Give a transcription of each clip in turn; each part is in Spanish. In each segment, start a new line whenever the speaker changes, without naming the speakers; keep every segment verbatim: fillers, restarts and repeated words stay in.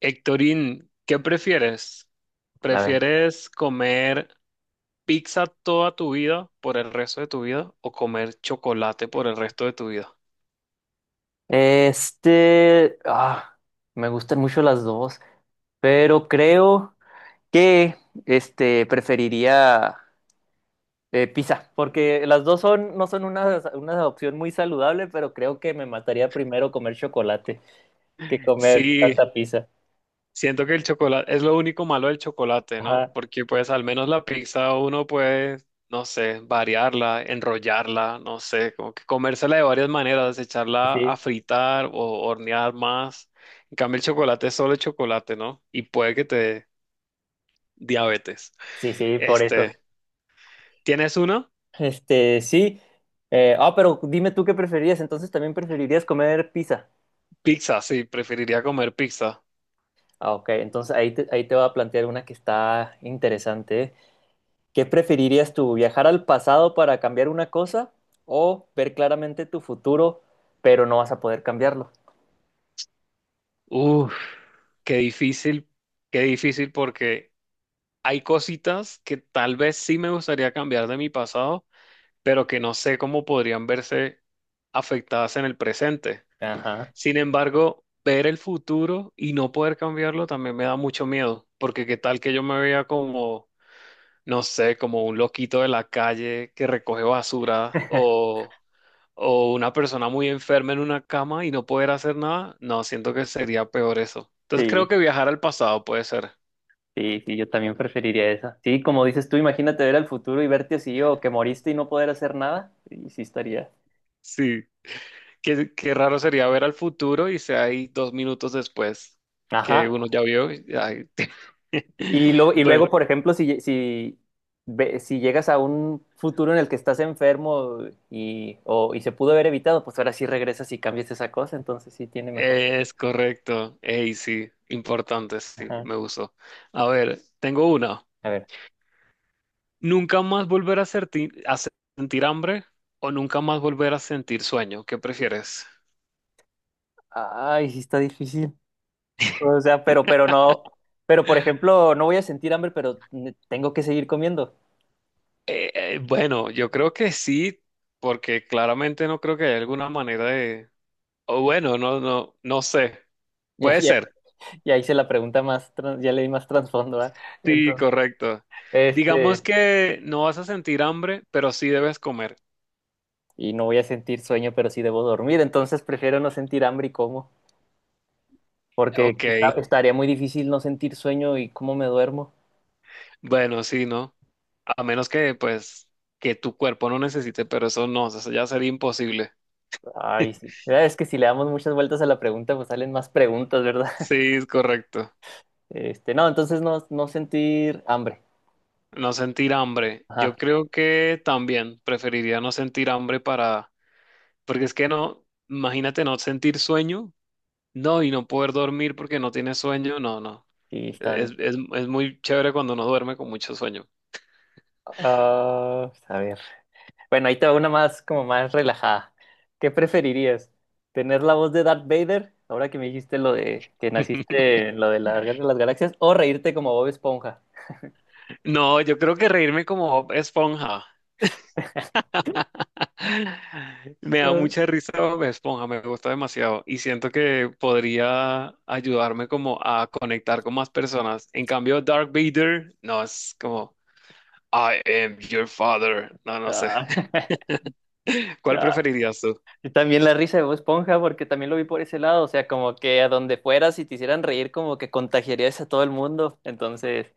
Héctorín, ¿qué prefieres?
A ver.
¿Prefieres comer pizza toda tu vida por el resto de tu vida o comer chocolate por el resto de tu vida?
Este, ah, Me gustan mucho las dos, pero creo que este preferiría eh, pizza, porque las dos son, no son una, una opción muy saludable, pero creo que me mataría primero comer chocolate que comer
Sí,
tanta pizza.
siento que el chocolate es lo único malo del chocolate, ¿no?
Ajá,
Porque pues al menos la pizza uno puede, no sé, variarla, enrollarla, no sé, como que comérsela de varias maneras, echarla a
sí,
fritar o hornear más. En cambio el chocolate es solo chocolate, ¿no? Y puede que te dé diabetes.
sí, sí, por eso.
Este, ¿Tienes uno?
Este, sí. Eh, ah, pero dime tú qué preferirías, entonces también preferirías comer pizza.
Pizza, sí, preferiría comer pizza.
Ah, ok, entonces ahí te, ahí te voy a plantear una que está interesante. ¿Eh? ¿Qué preferirías tú, viajar al pasado para cambiar una cosa o ver claramente tu futuro, pero no vas a poder cambiarlo?
Uf, qué difícil, qué difícil porque hay cositas que tal vez sí me gustaría cambiar de mi pasado, pero que no sé cómo podrían verse afectadas en el presente.
Ajá.
Sin embargo, ver el futuro y no poder cambiarlo también me da mucho miedo, porque qué tal que yo me vea como, no sé, como un loquito de la calle que recoge basura o o una persona muy enferma en una cama y no poder hacer nada, no, siento que sería peor eso. Entonces creo
Sí,
que viajar al pasado puede ser.
sí, sí, yo también preferiría esa. Sí, como dices tú, imagínate ver al futuro y verte así o que moriste y no poder hacer nada, y sí estaría.
Sí. Qué, qué raro sería ver al futuro y sea ahí dos minutos después
Ajá.
que uno ya vio. y- ay,
Y, y lo- y luego,
Bueno,
por ejemplo, si, si, ve- si llegas a un futuro en el que estás enfermo y, o, y se pudo haber evitado, pues ahora sí regresas y cambias esa cosa, entonces sí tiene mejor.
es correcto. Ey, sí, importante, sí,
Ajá.
me gustó. A ver, tengo una.
A ver.
¿Nunca más volver a, serti- a sentir hambre o nunca más volver a sentir sueño? ¿Qué prefieres?
Ay, sí está difícil. O sea, pero, pero no, pero por ejemplo, no voy a sentir hambre, pero ne- tengo que seguir comiendo.
Eh, eh, bueno, yo creo que sí, porque claramente no creo que haya alguna manera de... O bueno, no, no, no sé.
Ya,
Puede
ya,
ser.
ya hice la pregunta más, tran- ya le di más trasfondo, ¿verdad?
Sí,
Entonces,
correcto. Digamos
este,
que no vas a sentir hambre, pero sí debes comer.
y no voy a sentir sueño, pero sí debo dormir. Entonces prefiero no sentir hambre y como, porque
Ok.
está- estaría muy difícil no sentir sueño y cómo me duermo.
Bueno, sí, ¿no? A menos que, pues, que tu cuerpo no necesite, pero eso no, eso ya sería imposible.
Ay, sí. Ya es que si le damos muchas vueltas a la pregunta, pues salen más preguntas, ¿verdad?
Sí, es correcto.
Este, no, entonces no, no sentir hambre.
No sentir hambre.
Ajá,
Yo creo que también preferiría no sentir hambre para. Porque es que no, imagínate no sentir sueño, no, y no poder dormir porque no tienes sueño, no, no.
sí, está
e-, Es,
bien.
es, es muy chévere cuando no duerme con mucho sueño.
Ah, pues, a ver. Bueno, ahí te va una más, como más relajada. ¿Qué preferirías? ¿Tener la voz de Darth Vader, ahora que me dijiste lo de que naciste en lo de la Guerra de las Galaxias, o reírte como Bob Esponja?
No, yo creo que reírme como Bob Esponja. Me da
Ah,
mucha risa Bob Esponja, me gusta demasiado y siento que podría ayudarme como a conectar con más personas. En cambio, Dark Vader, no, es como I am your father. No, no sé.
ah,
¿Cuál
ah.
preferirías tú?
Y también la risa de Bob Esponja, porque también lo vi por ese lado, o sea, como que a donde fueras y te hicieran reír, como que contagiarías a todo el mundo. Entonces,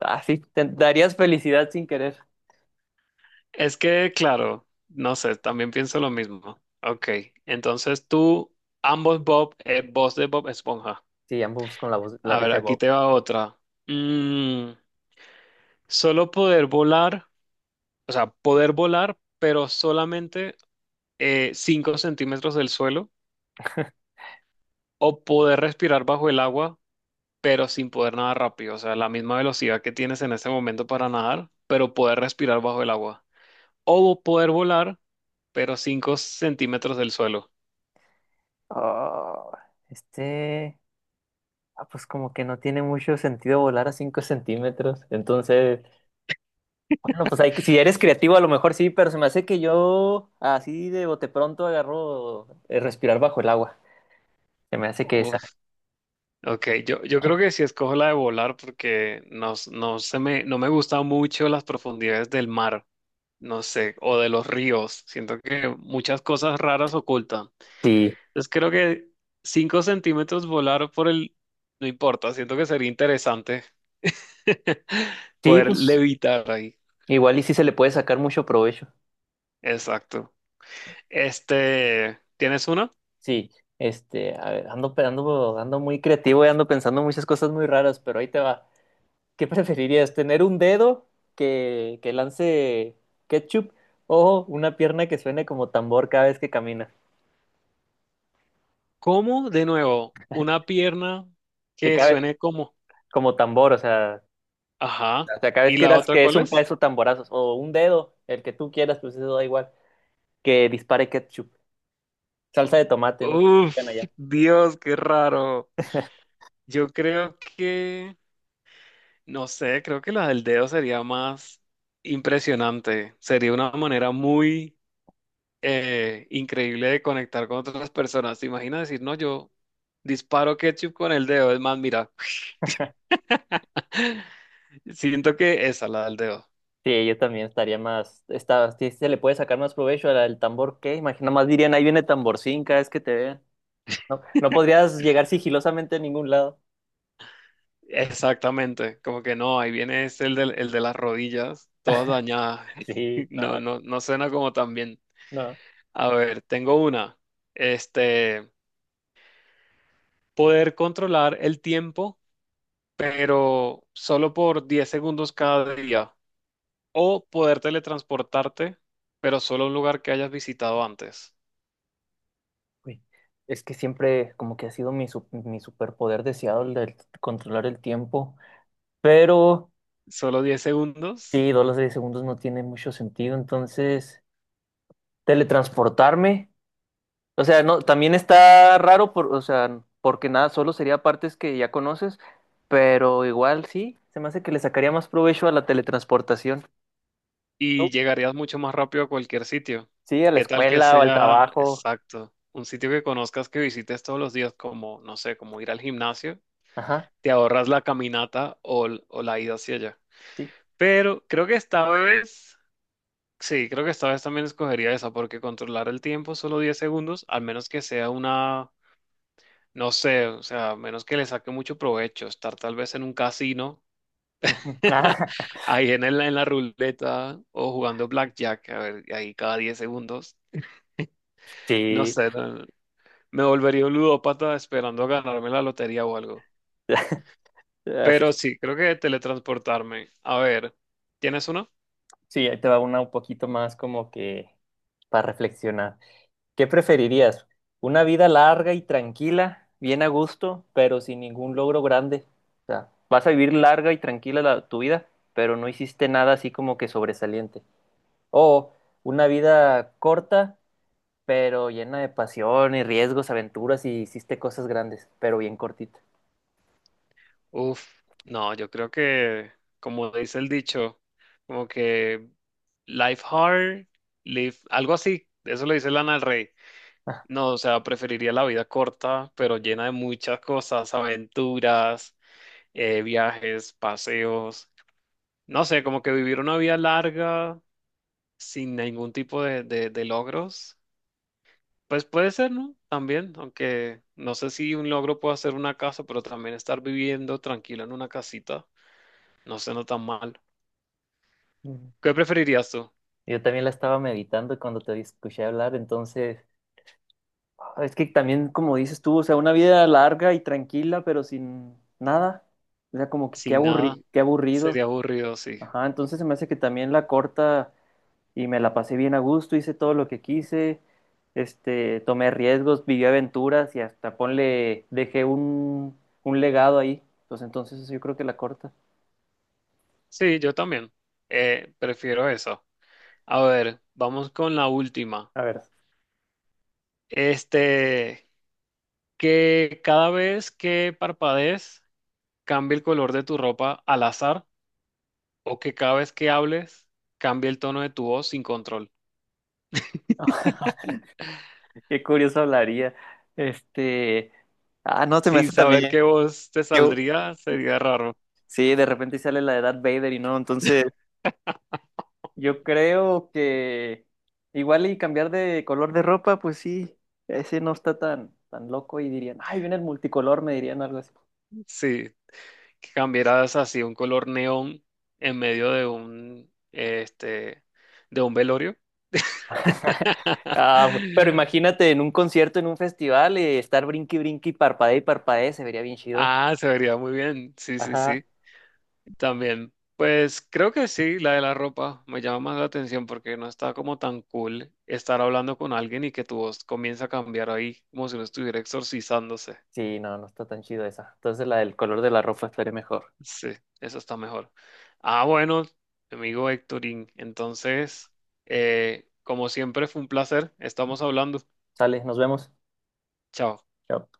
así te darías felicidad sin querer.
Es que, claro, no sé, también pienso lo mismo. Ok, entonces tú, ambos Bob, eh, voz de Bob Esponja.
Sí, ambos con la voz, la
A ver,
risa de
aquí
Bob.
te va otra. Mm, solo poder volar, o sea, poder volar, pero solamente eh, cinco centímetros del suelo, o poder respirar bajo el agua, pero sin poder nadar rápido, o sea, la misma velocidad que tienes en este momento para nadar, pero poder respirar bajo el agua. O poder volar, pero cinco centímetros del suelo.
Ah, este. Ah, pues como que no tiene mucho sentido volar a cinco centímetros. Entonces, bueno, pues hay que, si eres creativo a lo mejor sí, pero se me hace que yo así de bote pronto agarro eh, respirar bajo el agua. Se me hace que esa.
Ok, yo, yo creo que sí escojo la de volar porque no, s- no se me, no me gustan mucho las profundidades del mar, no sé, o de los ríos. Siento que muchas cosas raras ocultan.
Sí,
Entonces creo que cinco centímetros volar por el... No importa, siento que sería interesante
sí,
poder
pues
levitar ahí.
igual y sí se le puede sacar mucho provecho.
Exacto. Este, ¿tienes una?
Sí, este, a ver, ando, pe- ando, ando muy creativo y ando pensando muchas cosas muy raras, pero ahí te va. ¿Qué preferirías? ¿Tener un dedo que, que lance ketchup o una pierna que suene como tambor cada vez que camina?
¿Cómo? De nuevo, una pierna
Que
que
cada,
suene como...
como tambor, o sea,
Ajá.
o sea, cada vez
¿Y
que sí,
la
digas
otra
que es
cuál
un
es?
peso, tamborazos, o un dedo, el que tú quieras, pues eso da igual, que dispare ketchup, salsa de tomate, no sé si digan
Uf,
allá.
Dios, qué raro. Yo creo que, no sé, creo que la del dedo sería más impresionante. Sería una manera muy eh, increíble de conectar con otras personas. ¿Te imaginas decir, no, yo disparo ketchup con el dedo? Es más, mira, siento que esa, la del dedo.
Sí, yo también estaría más, está, sí se le puede sacar más provecho al, al tambor, ¿qué? Imagina, más dirían, ahí viene tamborcín cada vez que te vean. No, no podrías llegar sigilosamente a ningún lado.
Exactamente, como que no, ahí viene es el de, el de las rodillas, todas dañadas.
Sí, no,
No, no, no suena como tan bien.
no.
A ver, tengo una. Este. Poder controlar el tiempo, pero solo por diez segundos cada día, o poder teletransportarte, pero solo a un lugar que hayas visitado antes,
Uy, es que siempre como que ha sido mi, su- mi superpoder deseado el de controlar el tiempo, pero...
solo diez segundos
Sí, dos las diez segundos no tiene mucho sentido, entonces teletransportarme, o sea, no, también está raro por, o sea, porque nada, solo sería partes que ya conoces, pero igual sí, se me hace que le sacaría más provecho a la teletransportación. ¿Tú?
y llegarías mucho más rápido a cualquier sitio.
Sí, a la
¿Qué tal que
escuela o al
sea
trabajo.
exacto? Un sitio que conozcas, que visites todos los días, como, no sé, como ir al gimnasio,
Ajá,
te ahorras la caminata o, l- o la ida hacia allá.
sí.
Pero creo que esta vez. Sí, creo que esta vez también escogería esa, porque controlar el tiempo solo diez segundos, al menos que sea una, no sé, o sea, a menos que le saque mucho provecho, estar tal vez en un casino,
Ujú. Ah,
ahí en el- en la ruleta o jugando blackjack, a ver, y ahí cada diez segundos, no
sí.
sé, no- me volvería un ludópata esperando a ganarme la lotería o algo. Pero
Así-
sí, creo que teletransportarme. A ver, ¿tienes uno?
sí, ahí te va una un poquito más como que para reflexionar. ¿Qué preferirías? ¿Una vida larga y tranquila, bien a gusto, pero sin ningún logro grande? O sea, vas a vivir larga y tranquila la- tu vida, pero no hiciste nada así como que sobresaliente. O una vida corta, pero llena de pasión y riesgos, aventuras y hiciste cosas grandes, pero bien cortita.
Uf, no, yo creo que, como dice el dicho, como que Life hard, live, algo así. Eso lo dice Lana del Rey. No, o sea, preferiría la vida corta, pero llena de muchas cosas, aventuras, eh, viajes, paseos. No sé, como que vivir una vida larga sin ningún tipo de, de, de logros. Pues puede ser, ¿no? También, aunque no sé si un logro puede ser una casa, pero también estar viviendo tranquilo en una casita no suena tan mal.
Ujú.
¿Qué preferirías tú?
Yo también la estaba meditando cuando te escuché hablar, entonces es que también, como dices tú, o sea, una vida larga y tranquila, pero sin nada. O sea, como que qué
Sin nada,
aburri- qué aburrido.
sería aburrido, sí.
Ajá, entonces se me hace que también la corta y me la pasé bien a gusto, hice todo lo que quise, este, tomé riesgos, viví aventuras y hasta ponle, dejé un, un legado ahí. Pues entonces yo creo que la corta.
Sí, yo también. Eh, prefiero eso. A ver, vamos con la última.
A ver,
Este, que cada vez que parpadees cambie el color de tu ropa al azar o que cada vez que hables cambie el tono de tu voz sin control.
qué curioso hablaría. Este, ah, no, se me
Sin
hace
saber
también.
qué voz te
Yo,
saldría, sería raro.
sí, de repente sale la de Darth Vader y no, entonces. Yo creo que igual y cambiar de color de ropa, pues sí, ese no está tan, tan loco y dirían, ay, viene el multicolor, me dirían algo así.
Sí, que cambiaras así un color neón en medio de un, este, de un velorio.
Ah, bu- pero imagínate en un concierto, en un festival, eh, estar brinqui, brinqui, parpadee y parpadee, se vería bien chido.
Ah, se vería muy bien. Sí, sí,
Ajá.
sí. También, pues creo que sí, la de la ropa me llama más la atención porque no está como tan cool estar hablando con alguien y que tu voz comienza a cambiar ahí, como si uno estuviera exorcizándose.
Sí, no, no está tan chido esa. Entonces la del color de la ropa estaría mejor.
Sí, eso está mejor. Ah, bueno, amigo Héctorín, entonces, eh, como siempre fue un placer, estamos hablando.
Sale, nos vemos.
Chao.
Chao.